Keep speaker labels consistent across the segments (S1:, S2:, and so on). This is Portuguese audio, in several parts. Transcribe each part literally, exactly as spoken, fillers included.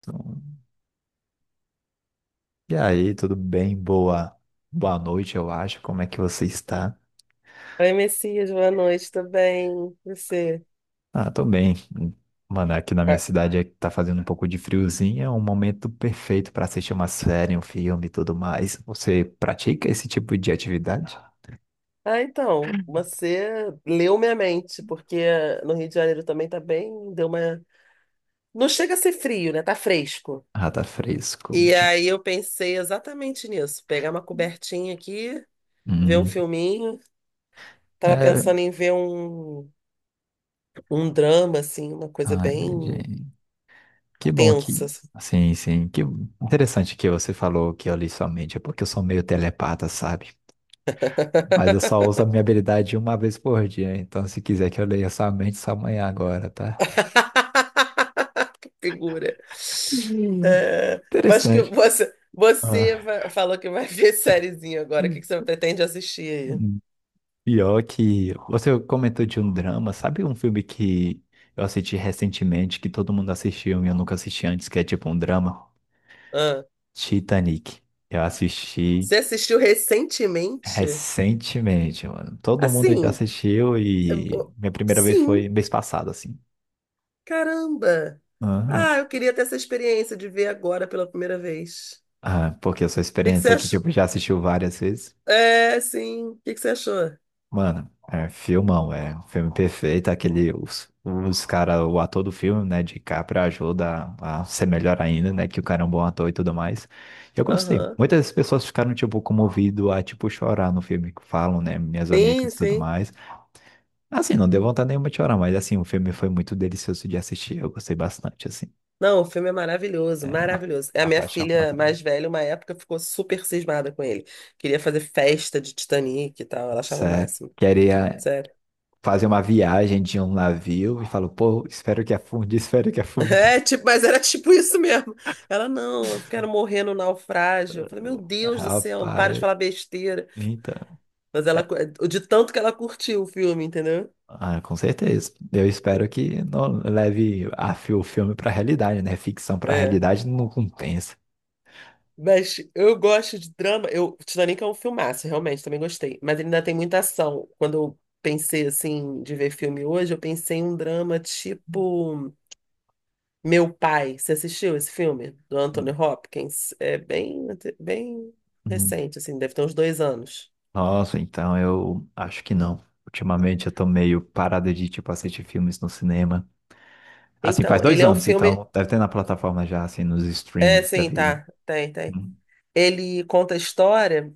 S1: Então, e aí, tudo bem? Boa, boa noite, eu acho. Como é que você está?
S2: Oi, Messias, boa noite, tudo bem? Você?
S1: Ah, tô bem. Mano, aqui na minha cidade é que tá fazendo um pouco de friozinho, é um momento perfeito para assistir uma série, um filme e tudo mais. Você pratica esse tipo de atividade?
S2: Ah, então, você leu minha mente, porque no Rio de Janeiro também tá bem, deu uma... Não chega a ser frio, né? Tá fresco.
S1: Ah, tá fresco.
S2: E
S1: Tch.
S2: aí eu pensei exatamente nisso, pegar uma cobertinha aqui, ver um
S1: Hum,
S2: filminho. Tava
S1: é...
S2: pensando em ver um, um drama, assim, uma coisa
S1: Ah,
S2: bem
S1: entendi. Que bom que...
S2: tensa. Assim.
S1: Sim, sim. Que interessante que você falou que eu li sua mente, é porque eu sou meio telepata, sabe? Mas eu só uso a minha habilidade uma vez por dia, então se quiser que eu leia sua mente, só amanhã agora, tá?
S2: Figura.
S1: Hum.
S2: Ah, mas que
S1: Interessante.
S2: você,
S1: Ah,
S2: você va- falou que vai ver sériezinha agora. O que
S1: Hum.
S2: que você pretende assistir aí?
S1: hum, Pior que você comentou de um drama, sabe um filme que eu assisti recentemente, que todo mundo assistiu e eu nunca assisti antes, que é tipo um drama?
S2: Ah,
S1: Titanic. Eu assisti
S2: você assistiu recentemente?
S1: recentemente, mano. Todo mundo já
S2: Assim,
S1: assistiu
S2: é
S1: e
S2: bo-
S1: minha primeira vez
S2: sim,
S1: foi mês passado, assim.
S2: caramba. Ah,
S1: Aham.
S2: eu queria ter essa experiência de ver agora pela primeira vez.
S1: Ah, porque a sua
S2: O que que você
S1: experiência é que,
S2: achou?
S1: tipo, já assistiu várias vezes.
S2: É, sim. O que que você achou?
S1: Mano, é filmão, é um filme perfeito. Aquele, os, os cara, o ator do filme, né, de Capra ajuda a ser melhor ainda, né, que o cara é um bom ator e tudo mais. Eu gostei.
S2: Aham.
S1: Muitas pessoas ficaram, tipo, comovido a, tipo, chorar no filme, que falam, né, minhas
S2: Sim,
S1: amigas e tudo
S2: sim.
S1: mais. Assim, não deu vontade nenhuma de chorar, mas, assim, o filme foi muito delicioso de assistir. Eu gostei bastante, assim,
S2: Não, o filme é maravilhoso,
S1: a,
S2: maravilhoso. A
S1: a
S2: minha
S1: paixão, pra
S2: filha
S1: também.
S2: mais velha, uma época, ficou super cismada com ele. Queria fazer festa de Titanic e tal, ela achava o
S1: Sério.
S2: máximo.
S1: Queria
S2: Sério.
S1: fazer uma viagem de um navio e falo, pô, espero que afunde, espero que afunde.
S2: É, tipo, mas era tipo isso mesmo. Ela, não, eu quero morrer no naufrágio. Eu falei, meu Deus do céu, para de
S1: Rapaz.
S2: falar besteira.
S1: Então,
S2: Mas ela,
S1: é-
S2: cu- de tanto que ela curtiu o filme, entendeu?
S1: ah, com certeza. Eu espero que não leve a, fi- o filme para a realidade, né? Ficção para a
S2: É.
S1: realidade não compensa.
S2: Mas eu gosto de drama. Eu, Titanic é um filmaço, realmente, também gostei. Mas ele ainda tem muita ação. Quando eu pensei, assim, de ver filme hoje, eu pensei em um drama tipo Meu Pai. Você assistiu esse filme? Do Anthony Hopkins? É bem, bem
S1: Hum.
S2: recente, assim, deve ter uns dois anos.
S1: Nossa, então eu acho que não. Ultimamente eu tô meio parado de, tipo, assistir filmes no cinema. Assim, faz
S2: Então,
S1: dois
S2: ele é um
S1: anos,
S2: filme.
S1: então deve ter na plataforma já, assim, nos
S2: É,
S1: streamings da
S2: sim,
S1: vida.
S2: tá. Tem, tem.
S1: Hum,
S2: Ele conta a história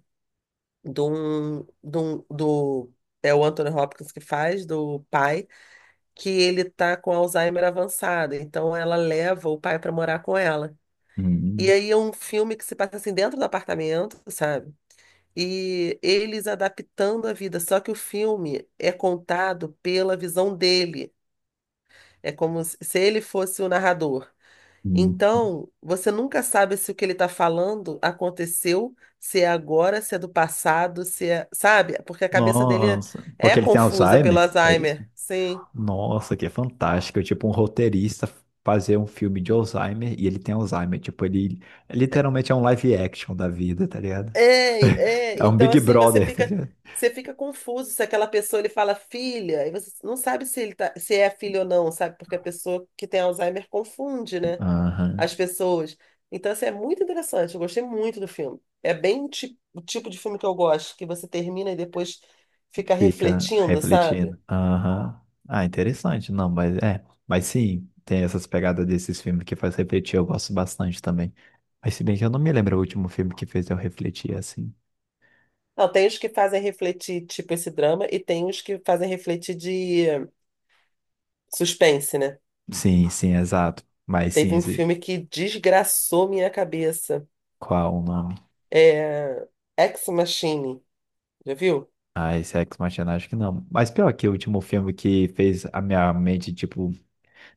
S2: de um, de um- do. É o Anthony Hopkins que faz, do pai que ele tá com Alzheimer avançado, então ela leva o pai para morar com ela. E
S1: hum,
S2: aí é um filme que se passa assim dentro do apartamento, sabe? E eles adaptando a vida, só que o filme é contado pela visão dele. É como se se ele fosse o narrador.
S1: hum. hum.
S2: Então, você nunca sabe se o que ele está falando aconteceu, se é agora, se é do passado, se é, sabe? Porque a cabeça dele
S1: Nossa,
S2: é
S1: porque ele tem
S2: confusa pelo
S1: Alzheimer, é isso?
S2: Alzheimer. Sim.
S1: Nossa, que é fantástico. É. Tipo, um roteirista fazer um filme de Alzheimer e ele tem Alzheimer. Tipo, ele literalmente é um live action da vida, tá ligado?
S2: É, é,
S1: É um
S2: então
S1: Big
S2: assim, você
S1: Brother, tá
S2: fica,
S1: ligado?
S2: você fica confuso se aquela pessoa ele fala filha, e você não sabe se ele tá, se é filho ou não, sabe? Porque a pessoa que tem Alzheimer confunde, né? As
S1: Aham.
S2: pessoas. Então, assim, é muito interessante, eu gostei muito do filme. É bem o ti- o tipo de filme que eu gosto, que você termina e depois fica
S1: Fica
S2: refletindo, sabe?
S1: refletindo. Aham. Ah, interessante. Não, mas é. Mas sim, tem essas pegadas desses filmes que faz refletir. Eu gosto bastante também. Mas se bem que eu não me lembro o último filme que fez eu refletir assim.
S2: Não, tem os que fazem refletir, tipo esse drama, e tem os que fazem refletir de suspense, né?
S1: Sim, sim, exato. Mas sim,
S2: Teve um
S1: esse...
S2: filme que desgraçou minha cabeça.
S1: Qual o nome?
S2: É... Ex Machine. Já viu?
S1: Ah, esse Ex Machina acho que não. Mas pior que o último filme que fez a minha mente, tipo,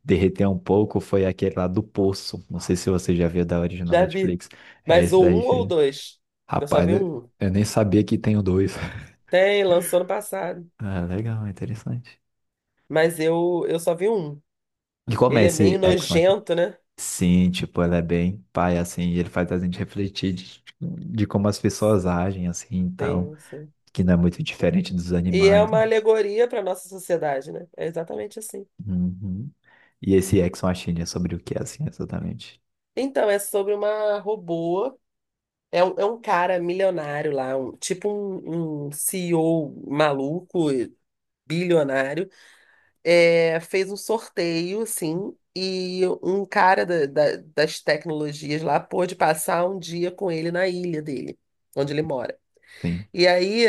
S1: derreter um pouco foi aquele lá do Poço. Não sei se você já viu da original
S2: Já vi.
S1: Netflix. É
S2: Mas
S1: esse
S2: ou
S1: daí.
S2: um ou
S1: Fez.
S2: dois. Eu só
S1: Rapaz,
S2: vi
S1: eu
S2: um.
S1: eu nem sabia que tem o dois.
S2: Tem, lançou ano passado.
S1: Ah, legal, interessante.
S2: Mas eu, eu só vi um.
S1: E como é
S2: Ele é meio
S1: esse Ex Machina?
S2: nojento, né?
S1: Sim, tipo, ela é bem pai, assim, e ele faz a gente refletir de, de como as pessoas agem, assim, e tal.
S2: Sim, sim.
S1: Que não é muito diferente dos
S2: E é
S1: animais,
S2: uma
S1: né?
S2: alegoria para nossa sociedade, né? É exatamente assim.
S1: Uhum. E esse Ex Machina é sobre o que, assim, exatamente?
S2: Então, é sobre uma robô. É um, é um cara milionário lá, um- tipo um, um CEO maluco, bilionário é, fez um sorteio, assim, e um cara da- da- das tecnologias lá pôde passar um dia com ele na ilha dele, onde ele mora.
S1: Sim.
S2: E aí,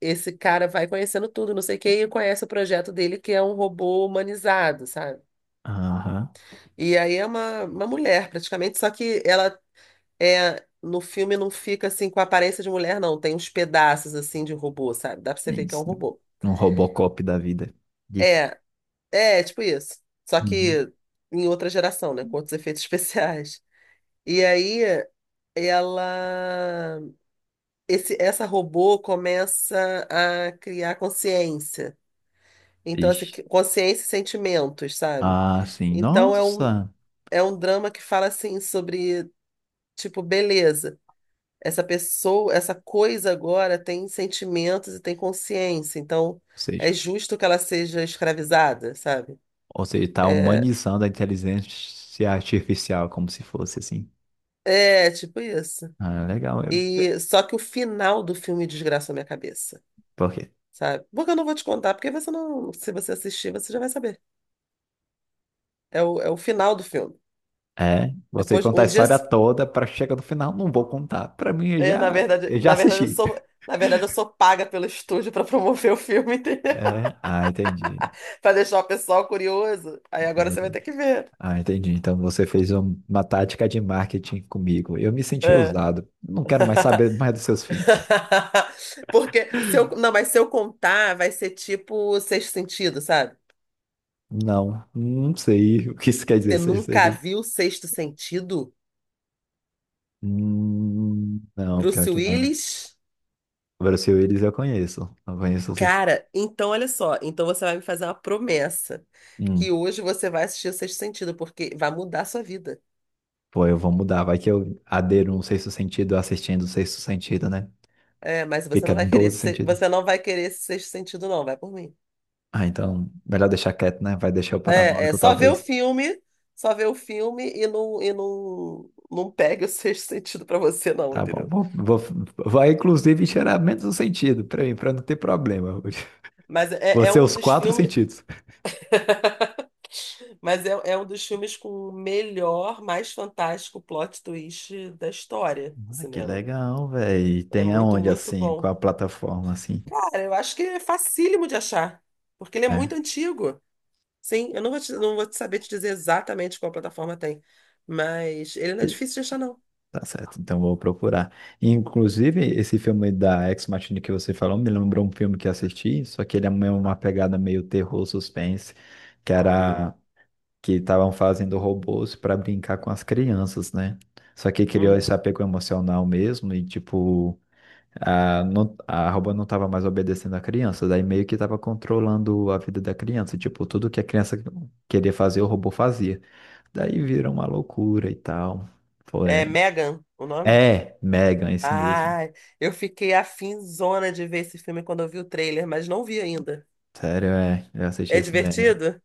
S2: esse cara vai conhecendo tudo, não sei o quê, e conhece o projeto dele, que é um robô humanizado, sabe?
S1: Aham,
S2: E aí é uma, uma mulher, praticamente, só que ela é. No filme não fica assim com a aparência de mulher, não. Tem uns pedaços assim de robô, sabe? Dá pra você ver
S1: sim,
S2: que é um
S1: sim.
S2: robô.
S1: Um Robocop da vida. Disse.
S2: É, É, tipo isso. Só
S1: Uhum.
S2: que em outra geração, né? Com outros efeitos especiais. E aí ela. Esse, essa robô começa a criar consciência. Então, assim,
S1: Ixi.
S2: que- consciência e sentimentos, sabe?
S1: Ah, sim.
S2: Então é um,
S1: Nossa.
S2: é um drama que fala assim sobre, tipo, beleza. Essa pessoa, essa coisa agora tem sentimentos e tem consciência. Então
S1: Ou
S2: é
S1: seja,
S2: justo que ela seja escravizada, sabe?
S1: ou seja, tá
S2: É,
S1: humanizando a inteligência artificial como se fosse assim.
S2: é tipo isso.
S1: Ah, legal. É...
S2: E só que o final do filme desgraça a minha cabeça,
S1: Por quê?
S2: sabe? Porque eu não vou te contar, porque você não, se você assistir, você já vai saber. É o, é o final do filme.
S1: É, você
S2: Depois,
S1: conta a
S2: um dia,
S1: história toda para chegar no final, não vou contar. Para mim, eu
S2: é,
S1: já,
S2: na verdade,
S1: eu já
S2: na verdade eu
S1: assisti.
S2: sou, na verdade eu sou paga pelo estúdio para promover o filme, entendeu?
S1: É, ah, entendi.
S2: Para deixar o pessoal curioso. Aí agora
S1: Ah,
S2: você vai ter
S1: entendi.
S2: que ver.
S1: Ah, entendi. Então você fez um- uma tática de marketing comigo. Eu me senti
S2: É.
S1: usado. Não quero mais saber mais dos seus filhos.
S2: Porque se eu, não, mas se eu contar, vai ser tipo o Sexto Sentido, sabe?
S1: Não, não sei o que isso quer dizer.
S2: Você
S1: Seja,
S2: nunca
S1: seja...
S2: viu o Sexto Sentido?
S1: Hum, não,
S2: Bruce
S1: pior que não.
S2: Willis?
S1: Brasil, eles eu conheço. Eu conheço o sentido.
S2: Cara, então olha só, então você vai me fazer uma promessa que
S1: Hum,
S2: hoje você vai assistir o Sexto Sentido, porque vai mudar a sua vida.
S1: pô, eu vou mudar. Vai que eu adero um sexto sentido assistindo o sexto sentido, né?
S2: É, mas você
S1: Fica
S2: não vai querer
S1: doze
S2: esse, se-
S1: sentidos.
S2: você não vai querer esse Sexto Sentido, não, vai por mim.
S1: Ah, então, melhor deixar quieto, né? Vai deixar o
S2: É, é
S1: paranoico,
S2: só ver o
S1: talvez.
S2: filme, só ver o filme e não, e não, não pegue o Sexto Sentido pra você, não,
S1: Tá bom.
S2: entendeu?
S1: Vou, vou- vai, inclusive, cheirar menos um sentido pra mim, pra não ter problema.
S2: Mas
S1: Vou
S2: é, é
S1: ser
S2: um
S1: os
S2: dos
S1: quatro
S2: filmes.
S1: sentidos.
S2: Mas é, é um dos filmes com o melhor, mais fantástico plot twist da história do
S1: Ah, que
S2: cinema.
S1: legal, velho.
S2: É
S1: Tem
S2: muito,
S1: aonde,
S2: muito
S1: assim, com
S2: bom.
S1: a plataforma, assim,
S2: Cara, eu acho que é facílimo de achar, porque ele é muito
S1: né?
S2: antigo. Sim, eu não vou te- não vou te saber te dizer exatamente qual plataforma tem, mas ele não é difícil de achar, não.
S1: Tá certo, então vou procurar. Inclusive, esse filme da Ex Machina que você falou me lembrou um filme que assisti, só que ele é meio uma pegada meio terror, suspense, que
S2: Uhum.
S1: era que estavam fazendo robôs para brincar com as crianças, né? Só que criou esse
S2: Hum.
S1: apego emocional mesmo e tipo, a, não, a robô não estava mais obedecendo a criança, daí meio que estava controlando a vida da criança, tipo, tudo que a criança queria fazer, o robô fazia. Daí vira uma loucura e tal. Foi.
S2: É Megan, o nome?
S1: É, Megan, esse mesmo.
S2: Ah, eu fiquei afinzona de ver esse filme quando eu vi o trailer, mas não vi ainda.
S1: Sério, é. Eu assisti
S2: É
S1: esse Megan.
S2: divertido?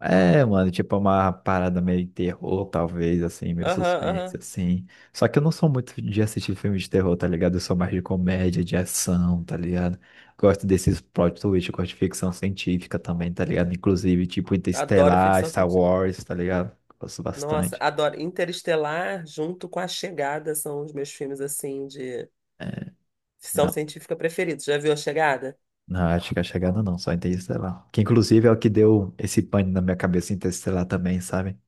S1: É, mano, tipo uma parada meio terror, talvez, assim, meio
S2: Aham,
S1: suspense,
S2: aham.
S1: assim. Só que eu não sou muito de assistir filme de terror, tá ligado? Eu sou mais de comédia, de ação, tá ligado? Gosto desses plot twist, gosto de ficção científica também, tá ligado? Inclusive, tipo
S2: Adoro
S1: Interestelar,
S2: ficção
S1: Star
S2: científica.
S1: Wars, tá ligado? Gosto
S2: Nossa,
S1: bastante.
S2: adoro. Interestelar junto com A Chegada são os meus filmes, assim, de
S1: É,
S2: ficção
S1: não,
S2: científica preferidos. Já viu A Chegada?
S1: não, acho que a chegada não, só Interestelar. Que inclusive é o que deu esse pane na minha cabeça Interestelar também, sabe?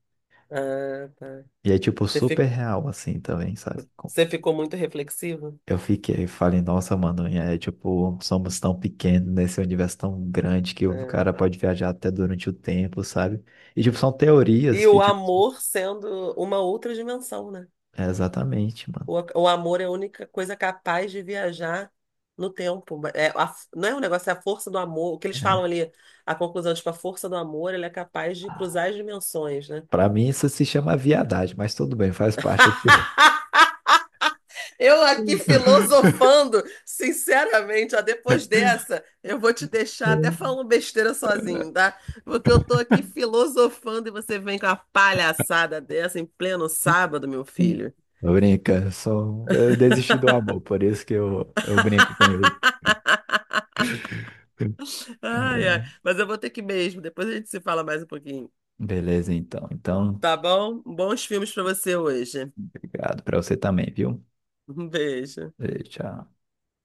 S2: Ah, tá.
S1: E é, tipo,
S2: Você
S1: super
S2: fi-
S1: real, assim, também, sabe? Com-
S2: Você ficou muito reflexivo?
S1: Eu fiquei, falei, nossa, mano, e é, tipo, somos tão pequenos nesse universo tão grande que o cara
S2: É.
S1: pode viajar até durante o tempo, sabe? E, tipo, são teorias
S2: E
S1: que,
S2: o
S1: tipo,
S2: amor sendo uma outra dimensão, né?
S1: é exatamente, mano.
S2: O, a- o amor é a única coisa capaz de viajar no tempo. É, a f- não é um negócio, é a força do amor. O que eles falam
S1: É.
S2: ali, a conclusão, tipo, a força do amor, ele é capaz de cruzar as dimensões, né?
S1: Pra mim, isso se chama viadagem, mas tudo bem, faz parte.
S2: Eu aqui
S1: Eu
S2: filosofando, sinceramente, ó, depois dessa, eu vou te deixar até falando besteira sozinho, tá? Porque eu tô aqui filosofando e você vem com uma palhaçada dessa em pleno sábado, meu filho.
S1: eu brinco, sou... eu desisti do amor, por isso que eu, eu brinco com ele.
S2: Ai, ai.
S1: É.
S2: Mas eu vou ter que ir mesmo, depois a gente se fala mais um pouquinho.
S1: Beleza, então. Então,
S2: Tá bom? Bons filmes pra você hoje.
S1: obrigado pra você também, viu?
S2: Um beijo.
S1: E tchau.